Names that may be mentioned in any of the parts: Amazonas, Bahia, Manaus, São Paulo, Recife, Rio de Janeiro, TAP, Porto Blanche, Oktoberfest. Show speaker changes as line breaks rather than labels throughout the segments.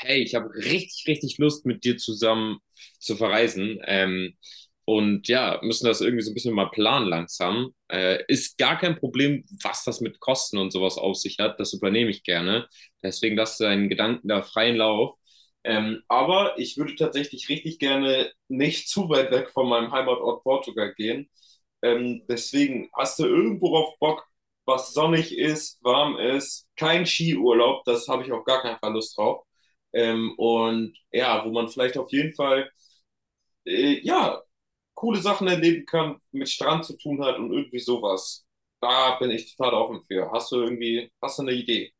Hey, ich habe richtig, richtig Lust, mit dir zusammen zu verreisen. Und ja, müssen das irgendwie so ein bisschen mal planen langsam. Ist gar kein Problem, was das mit Kosten und sowas auf sich hat. Das übernehme ich gerne. Deswegen lass deinen Gedanken da freien Lauf. Aber ich würde tatsächlich richtig gerne nicht zu weit weg von meinem Heimatort Portugal gehen. Deswegen hast du irgendwo auf Bock, was sonnig ist, warm ist, kein Skiurlaub, das habe ich auf gar keinen Fall Lust drauf. Und ja, wo man vielleicht auf jeden Fall, äh, ja, coole Sachen erleben kann, mit Strand zu tun hat und irgendwie sowas. Da bin ich total offen für. Hast du irgendwie, hast du eine Idee?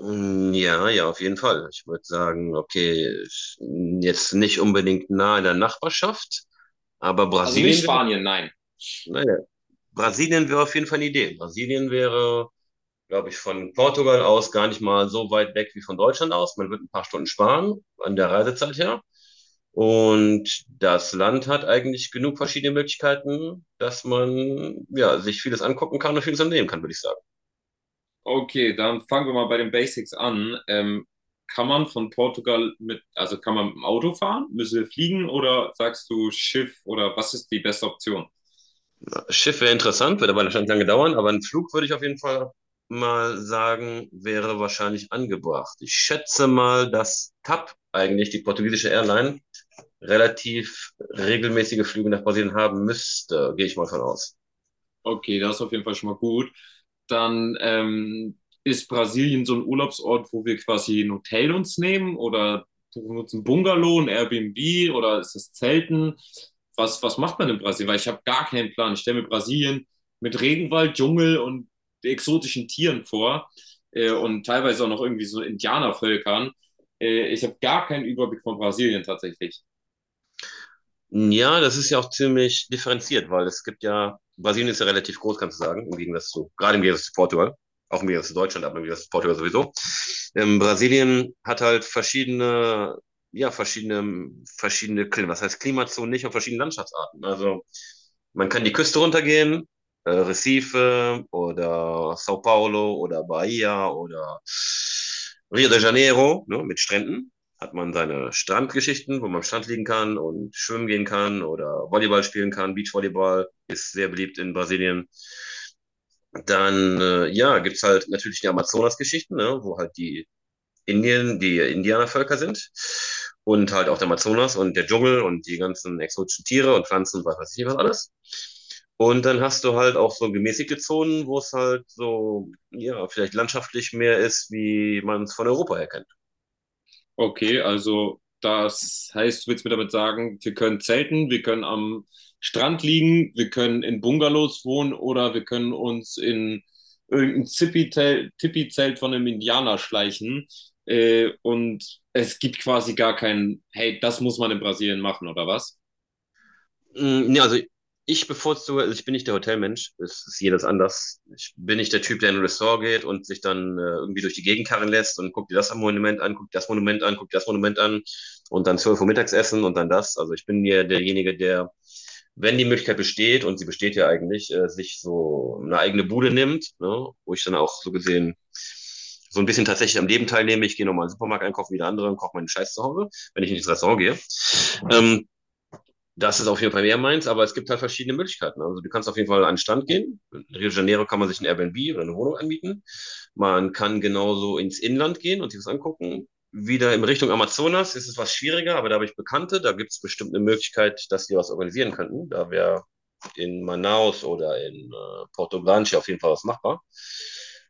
Mm, ja, ja, auf jeden Fall. Ich würde sagen, okay, jetzt nicht unbedingt nah in der Nachbarschaft, aber
Also nicht
Brasilien wäre,
Spanien, nein.
naja, Brasilien wäre auf jeden Fall eine Idee. Brasilien wäre, glaube ich, von Portugal aus gar nicht mal so weit weg wie von Deutschland aus. Man wird ein paar Stunden sparen an der Reisezeit her. Und das Land hat eigentlich genug verschiedene Möglichkeiten, dass man, ja, sich vieles angucken kann und vieles unternehmen kann, würde ich sagen.
Okay, dann fangen wir mal bei den Basics an. Kann man von Portugal mit, also kann man mit dem Auto fahren? Müssen wir fliegen oder sagst du Schiff oder was ist die beste Option?
Schiff wäre interessant, wird aber wahrscheinlich lange dauern, aber ein Flug würde ich auf jeden Fall mal sagen, wäre wahrscheinlich angebracht. Ich schätze mal, dass TAP, eigentlich die portugiesische Airline, relativ regelmäßige Flüge nach Brasilien haben müsste, gehe ich mal von aus.
Okay, das ist auf jeden Fall schon mal gut. Dann ist Brasilien so ein Urlaubsort, wo wir quasi ein Hotel uns nehmen oder buchen uns ein Bungalow, ein Airbnb oder ist das Zelten? Was, was macht man in Brasilien? Weil ich habe gar keinen Plan. Ich stelle mir Brasilien mit Regenwald, Dschungel und exotischen Tieren vor und teilweise auch noch irgendwie so Indianervölkern. Ich habe gar keinen Überblick von Brasilien tatsächlich.
Ja, das ist ja auch ziemlich differenziert, weil es gibt ja, Brasilien ist ja relativ groß, kannst du sagen, im Gegensatz zu, gerade im Gegensatz zu Portugal, auch im Gegensatz zu Deutschland, aber im Gegensatz zu Portugal sowieso. Brasilien hat halt verschiedene, ja, verschiedene, verschiedene Klima, was heißt Klimazonen nicht und verschiedene Landschaftsarten. Also man kann die Küste runtergehen, Recife oder São Paulo oder Bahia oder Rio de Janeiro, ne, mit Stränden hat man seine Strandgeschichten, wo man am Strand liegen kann und schwimmen gehen kann oder Volleyball spielen kann. Beachvolleyball ist sehr beliebt in Brasilien. Dann, ja, gibt's halt natürlich die Amazonas-Geschichten, ne, wo halt die Indien, die Indianervölker sind und halt auch der Amazonas und der Dschungel und die ganzen exotischen Tiere und Pflanzen und was weiß ich was alles. Und dann hast du halt auch so gemäßigte Zonen, wo es halt so, ja, vielleicht landschaftlich mehr ist, wie man es von Europa her kennt.
Okay, also das heißt, du willst mir damit sagen, wir können zelten, wir können am Strand liegen, wir können in Bungalows wohnen oder wir können uns in irgendein Tippi-Zelt von einem Indianer schleichen. Und es gibt quasi gar keinen, hey, das muss man in Brasilien machen, oder was?
Mm, nee, also ich bevorzuge, also ich bin nicht der Hotelmensch, es ist jedes anders. Ich bin nicht der Typ, der in ein Ressort geht und sich dann irgendwie durch die Gegend karren lässt und guckt dir das Monument an, guckt das Monument an, guckt das Monument an und dann 12 Uhr Mittagessen und dann das. Also ich bin ja derjenige, der, wenn die Möglichkeit besteht, und sie besteht ja eigentlich, sich so eine eigene Bude nimmt, ne, wo ich dann auch so gesehen so ein bisschen tatsächlich am Leben teilnehme. Ich gehe nochmal in den Supermarkt einkaufen wie der andere und koche meinen Scheiß zu Hause, wenn ich nicht ins Restaurant gehe. Ähm, Das ist auf jeden Fall mehr meins, aber es gibt halt verschiedene Möglichkeiten. Also du kannst auf jeden Fall an den Stand gehen. In Rio de Janeiro kann man sich ein Airbnb oder eine Wohnung anmieten. Man kann genauso ins Inland gehen und sich das angucken. Wieder in Richtung Amazonas ist es was schwieriger, aber da habe ich Bekannte. Da gibt es bestimmt eine Möglichkeit, dass die was organisieren könnten. Da wäre in Manaus oder in Porto Blanche auf jeden Fall was machbar.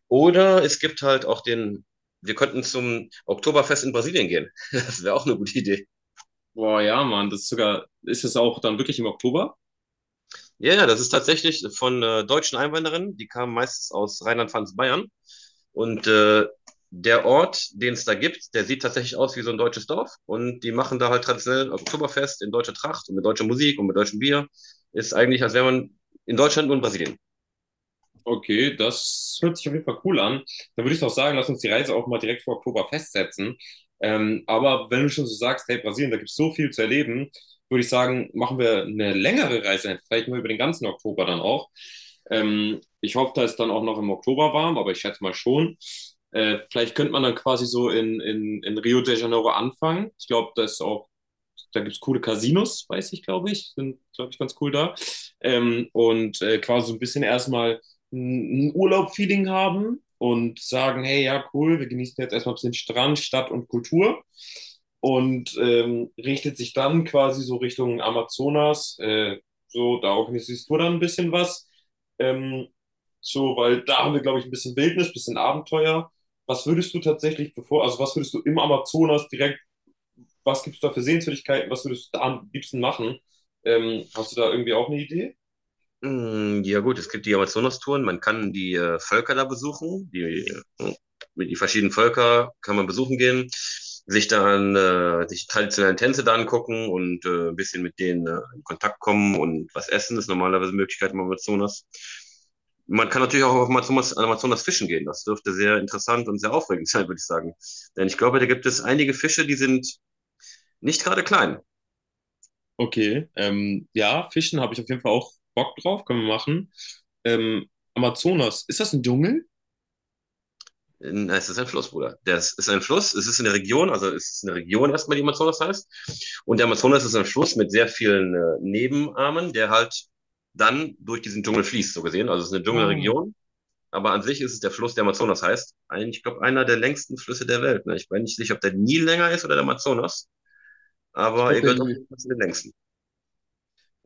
Oder es gibt halt auch den, wir könnten zum Oktoberfest in Brasilien gehen. Das wäre auch eine gute Idee.
Boah, ja, Mann, das ist sogar, ist es auch dann wirklich im Oktober?
Ja, ja, das ist tatsächlich von deutschen Einwanderern, die kamen meistens aus Rheinland-Pfalz-Bayern. Und der Ort, den es da gibt, der sieht tatsächlich aus wie so ein deutsches Dorf. Und die machen da halt traditionell Oktoberfest in deutscher Tracht und mit deutscher Musik und mit deutschem Bier. Ist eigentlich, als wäre man in Deutschland und Brasilien.
Okay, das hört sich auf jeden Fall cool an. Dann würde ich doch sagen, lass uns die Reise auch mal direkt vor Oktober festsetzen. Aber wenn du schon so sagst, hey, Brasilien, da gibt es so viel zu erleben, würde ich sagen, machen wir eine längere Reise, vielleicht nur über den ganzen Oktober dann auch. Ich hoffe, da ist dann auch noch im Oktober warm, aber ich schätze mal schon. Vielleicht könnte man dann quasi so in Rio de Janeiro anfangen. Ich glaube, da ist auch da gibt es coole Casinos, weiß ich, glaube ich. Sind, glaube ich, ganz cool da. Und quasi so ein bisschen erstmal ein Urlaub-Feeling haben und sagen, hey, ja, cool, wir genießen jetzt erstmal ein bisschen Strand, Stadt und Kultur. Und richtet sich dann quasi so Richtung Amazonas. So, da organisierst du dann ein bisschen was. Ähm, so, weil da haben wir, glaube ich, ein bisschen Wildnis, ein bisschen Abenteuer. Was würdest du tatsächlich bevor, also was würdest du im Amazonas direkt was gibt es da für Sehenswürdigkeiten, was würdest du da am liebsten machen? Hast du da irgendwie auch eine Idee?
Mm, ja gut, es gibt die Amazonas-Touren, man kann die Völker da besuchen, die, äh, die verschiedenen Völker kann man besuchen gehen, sich dann sich die traditionellen Tänze da angucken und ein bisschen mit denen in Kontakt kommen und was essen ist normalerweise eine Möglichkeit im Amazonas. Man kann natürlich auch auf Amazonas, an Amazonas fischen gehen, das dürfte sehr interessant und sehr aufregend sein, würde ich sagen. Denn ich glaube, da gibt es einige Fische, die sind nicht gerade klein.
Okay, ja, Fischen habe ich auf jeden Fall auch Bock drauf, können wir machen. Amazonas, ist das ein Dschungel?
Nein, es ist ein Fluss, Bruder. Das ist ein Fluss, es ist eine Region, also es ist eine Region erstmal, die Amazonas heißt. Und der Amazonas ist ein Fluss mit sehr vielen Nebenarmen, der halt dann durch diesen Dschungel fließt, so gesehen. Also es ist eine
Ah,
Dschungelregion, aber an sich ist es der Fluss, der Amazonas heißt. Ein, ich glaube, einer der längsten Flüsse der Welt. Ne? Ich bin nicht sicher, ob der Nil länger ist oder der Amazonas,
ich
aber er
glaube,
gehört auf
der
jeden Fall zu den längsten.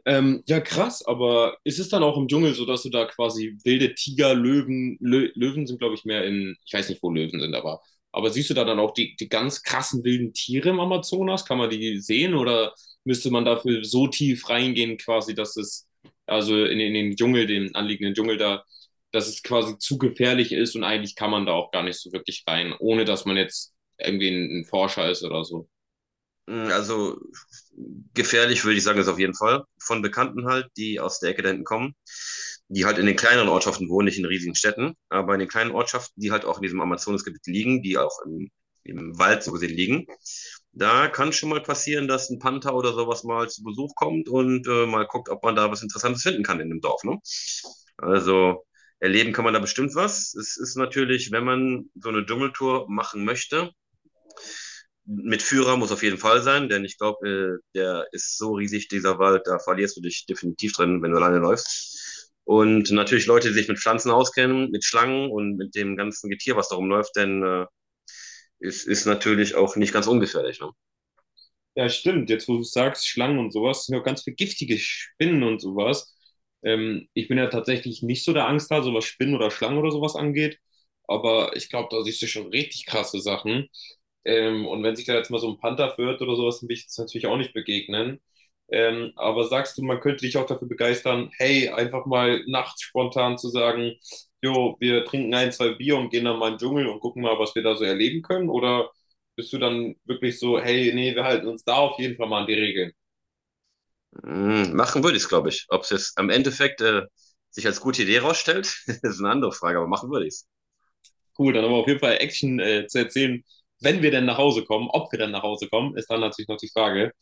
Ja, krass, aber ist es dann auch im Dschungel so, dass du da quasi wilde Tiger, Löwen, Lö Löwen sind, glaube ich, mehr in, ich weiß nicht, wo Löwen sind, aber siehst du da dann auch die ganz krassen wilden Tiere im Amazonas? Kann man die sehen oder müsste man dafür so tief reingehen, quasi, dass es, also in den Dschungel, den anliegenden Dschungel da, dass es quasi zu gefährlich ist und eigentlich kann man da auch gar nicht so wirklich rein, ohne dass man jetzt irgendwie ein Forscher ist oder so.
Mm, also gefährlich würde ich sagen, ist auf jeden Fall. Von Bekannten halt, die aus der Ecke da hinten kommen, die halt in den kleineren Ortschaften wohnen, nicht in riesigen Städten, aber in den kleinen Ortschaften, die halt auch in diesem Amazonasgebiet liegen, die auch im, im Wald so gesehen liegen, da kann schon mal passieren, dass ein Panther oder sowas mal zu Besuch kommt und mal guckt, ob man da was Interessantes finden kann in dem Dorf. Ne? Also erleben kann man da bestimmt was. Es ist natürlich, wenn man so eine Dschungeltour machen möchte, mit Führer muss auf jeden Fall sein, denn ich glaube, der ist so riesig, dieser Wald, da verlierst du dich definitiv drin, wenn du alleine läufst. Und natürlich Leute, die sich mit Pflanzen auskennen, mit Schlangen und mit dem ganzen Getier, was da rumläuft, denn es ist natürlich auch nicht ganz ungefährlich. Ne?
Ja, stimmt. Jetzt, wo du sagst, Schlangen und sowas, sind ja auch ganz viele giftige Spinnen und sowas. Ich bin ja tatsächlich nicht so der Angsthase, was Spinnen oder Schlangen oder sowas angeht. Aber ich glaube, da siehst du schon richtig krasse Sachen. Und wenn sich da jetzt mal so ein Panther verirrt oder sowas, dann will ich jetzt natürlich auch nicht begegnen. Aber sagst du, man könnte dich auch dafür begeistern, hey, einfach mal nachts spontan zu sagen, jo, wir trinken ein, zwei Bier und gehen dann mal in den Dschungel und gucken mal, was wir da so erleben können? Oder bist du dann wirklich so, hey, nee, wir halten uns da auf jeden Fall mal an die Regeln?
Mhm, machen würde ich es, glaube ich. Ob es jetzt am Endeffekt sich als gute Idee rausstellt, ist eine andere Frage, aber machen würde ich es.
Cool, dann haben wir auf jeden Fall Action zu erzählen, wenn wir denn nach Hause kommen. Ob wir denn nach Hause kommen, ist dann natürlich noch die Frage.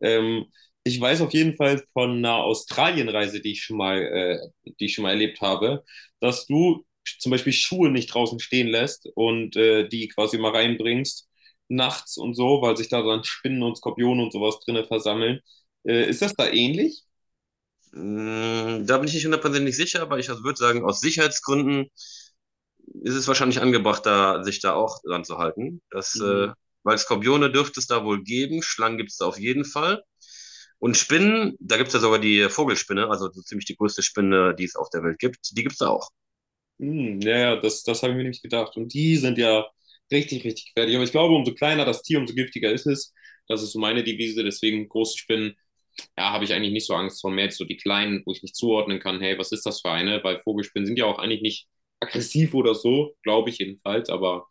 Ähm, Ich weiß auf jeden Fall von einer Australienreise, die ich schon mal, die ich schon mal erlebt habe, dass du zum Beispiel Schuhe nicht draußen stehen lässt und die quasi mal reinbringst nachts und so, weil sich da dann Spinnen und Skorpione und sowas drinne versammeln. Ist das da ähnlich?
Mhm, da bin ich nicht hundertprozentig sicher, aber ich würde sagen, aus Sicherheitsgründen ist es wahrscheinlich angebracht, da, sich da auch dran zu halten. Das, weil Skorpione dürfte es da wohl geben, Schlangen gibt es da auf jeden Fall. Und Spinnen, da gibt es ja sogar die Vogelspinne, also so ziemlich die größte Spinne, die es auf der Welt gibt, die gibt es da auch.
Hm, ja, ja, das, das habe ich mir nämlich gedacht. Und die sind ja richtig, richtig gefährlich. Aber ich glaube, umso kleiner das Tier, umso giftiger ist es. Das ist so meine Devise. Deswegen große Spinnen ja, habe ich eigentlich nicht so Angst vor. Mehr jetzt so die kleinen, wo ich nicht zuordnen kann, hey, was ist das für eine? Weil Vogelspinnen sind ja auch eigentlich nicht aggressiv oder so, glaube ich jedenfalls. Aber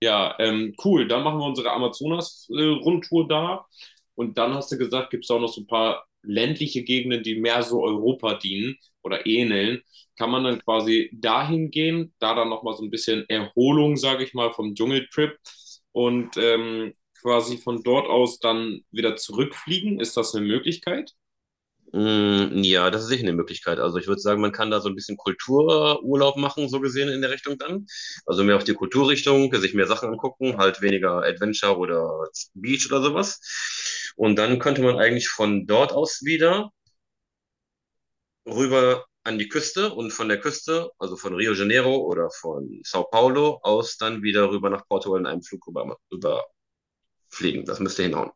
ja, cool. Dann machen wir unsere Amazonas-Rundtour da. Und dann hast du gesagt, gibt es auch noch so ein paar ländliche Gegenden, die mehr so Europa dienen oder ähneln. Kann man dann quasi dahin gehen, da dann nochmal so ein bisschen Erholung, sage ich mal, vom Dschungeltrip und quasi von dort aus dann wieder zurückfliegen? Ist das eine Möglichkeit?
Mm, ja, das ist sicher eine Möglichkeit. Also ich würde sagen, man kann da so ein bisschen Kultururlaub machen, so gesehen in der Richtung dann. Also mehr auf die Kulturrichtung, sich mehr Sachen angucken, halt weniger Adventure oder Beach oder sowas. Und dann könnte man eigentlich von dort aus wieder rüber an die Küste und von der Küste, also von Rio de Janeiro oder von Sao Paulo aus, dann wieder rüber nach Portugal in einem Flug rüber, rüberfliegen. Das müsste hinhauen.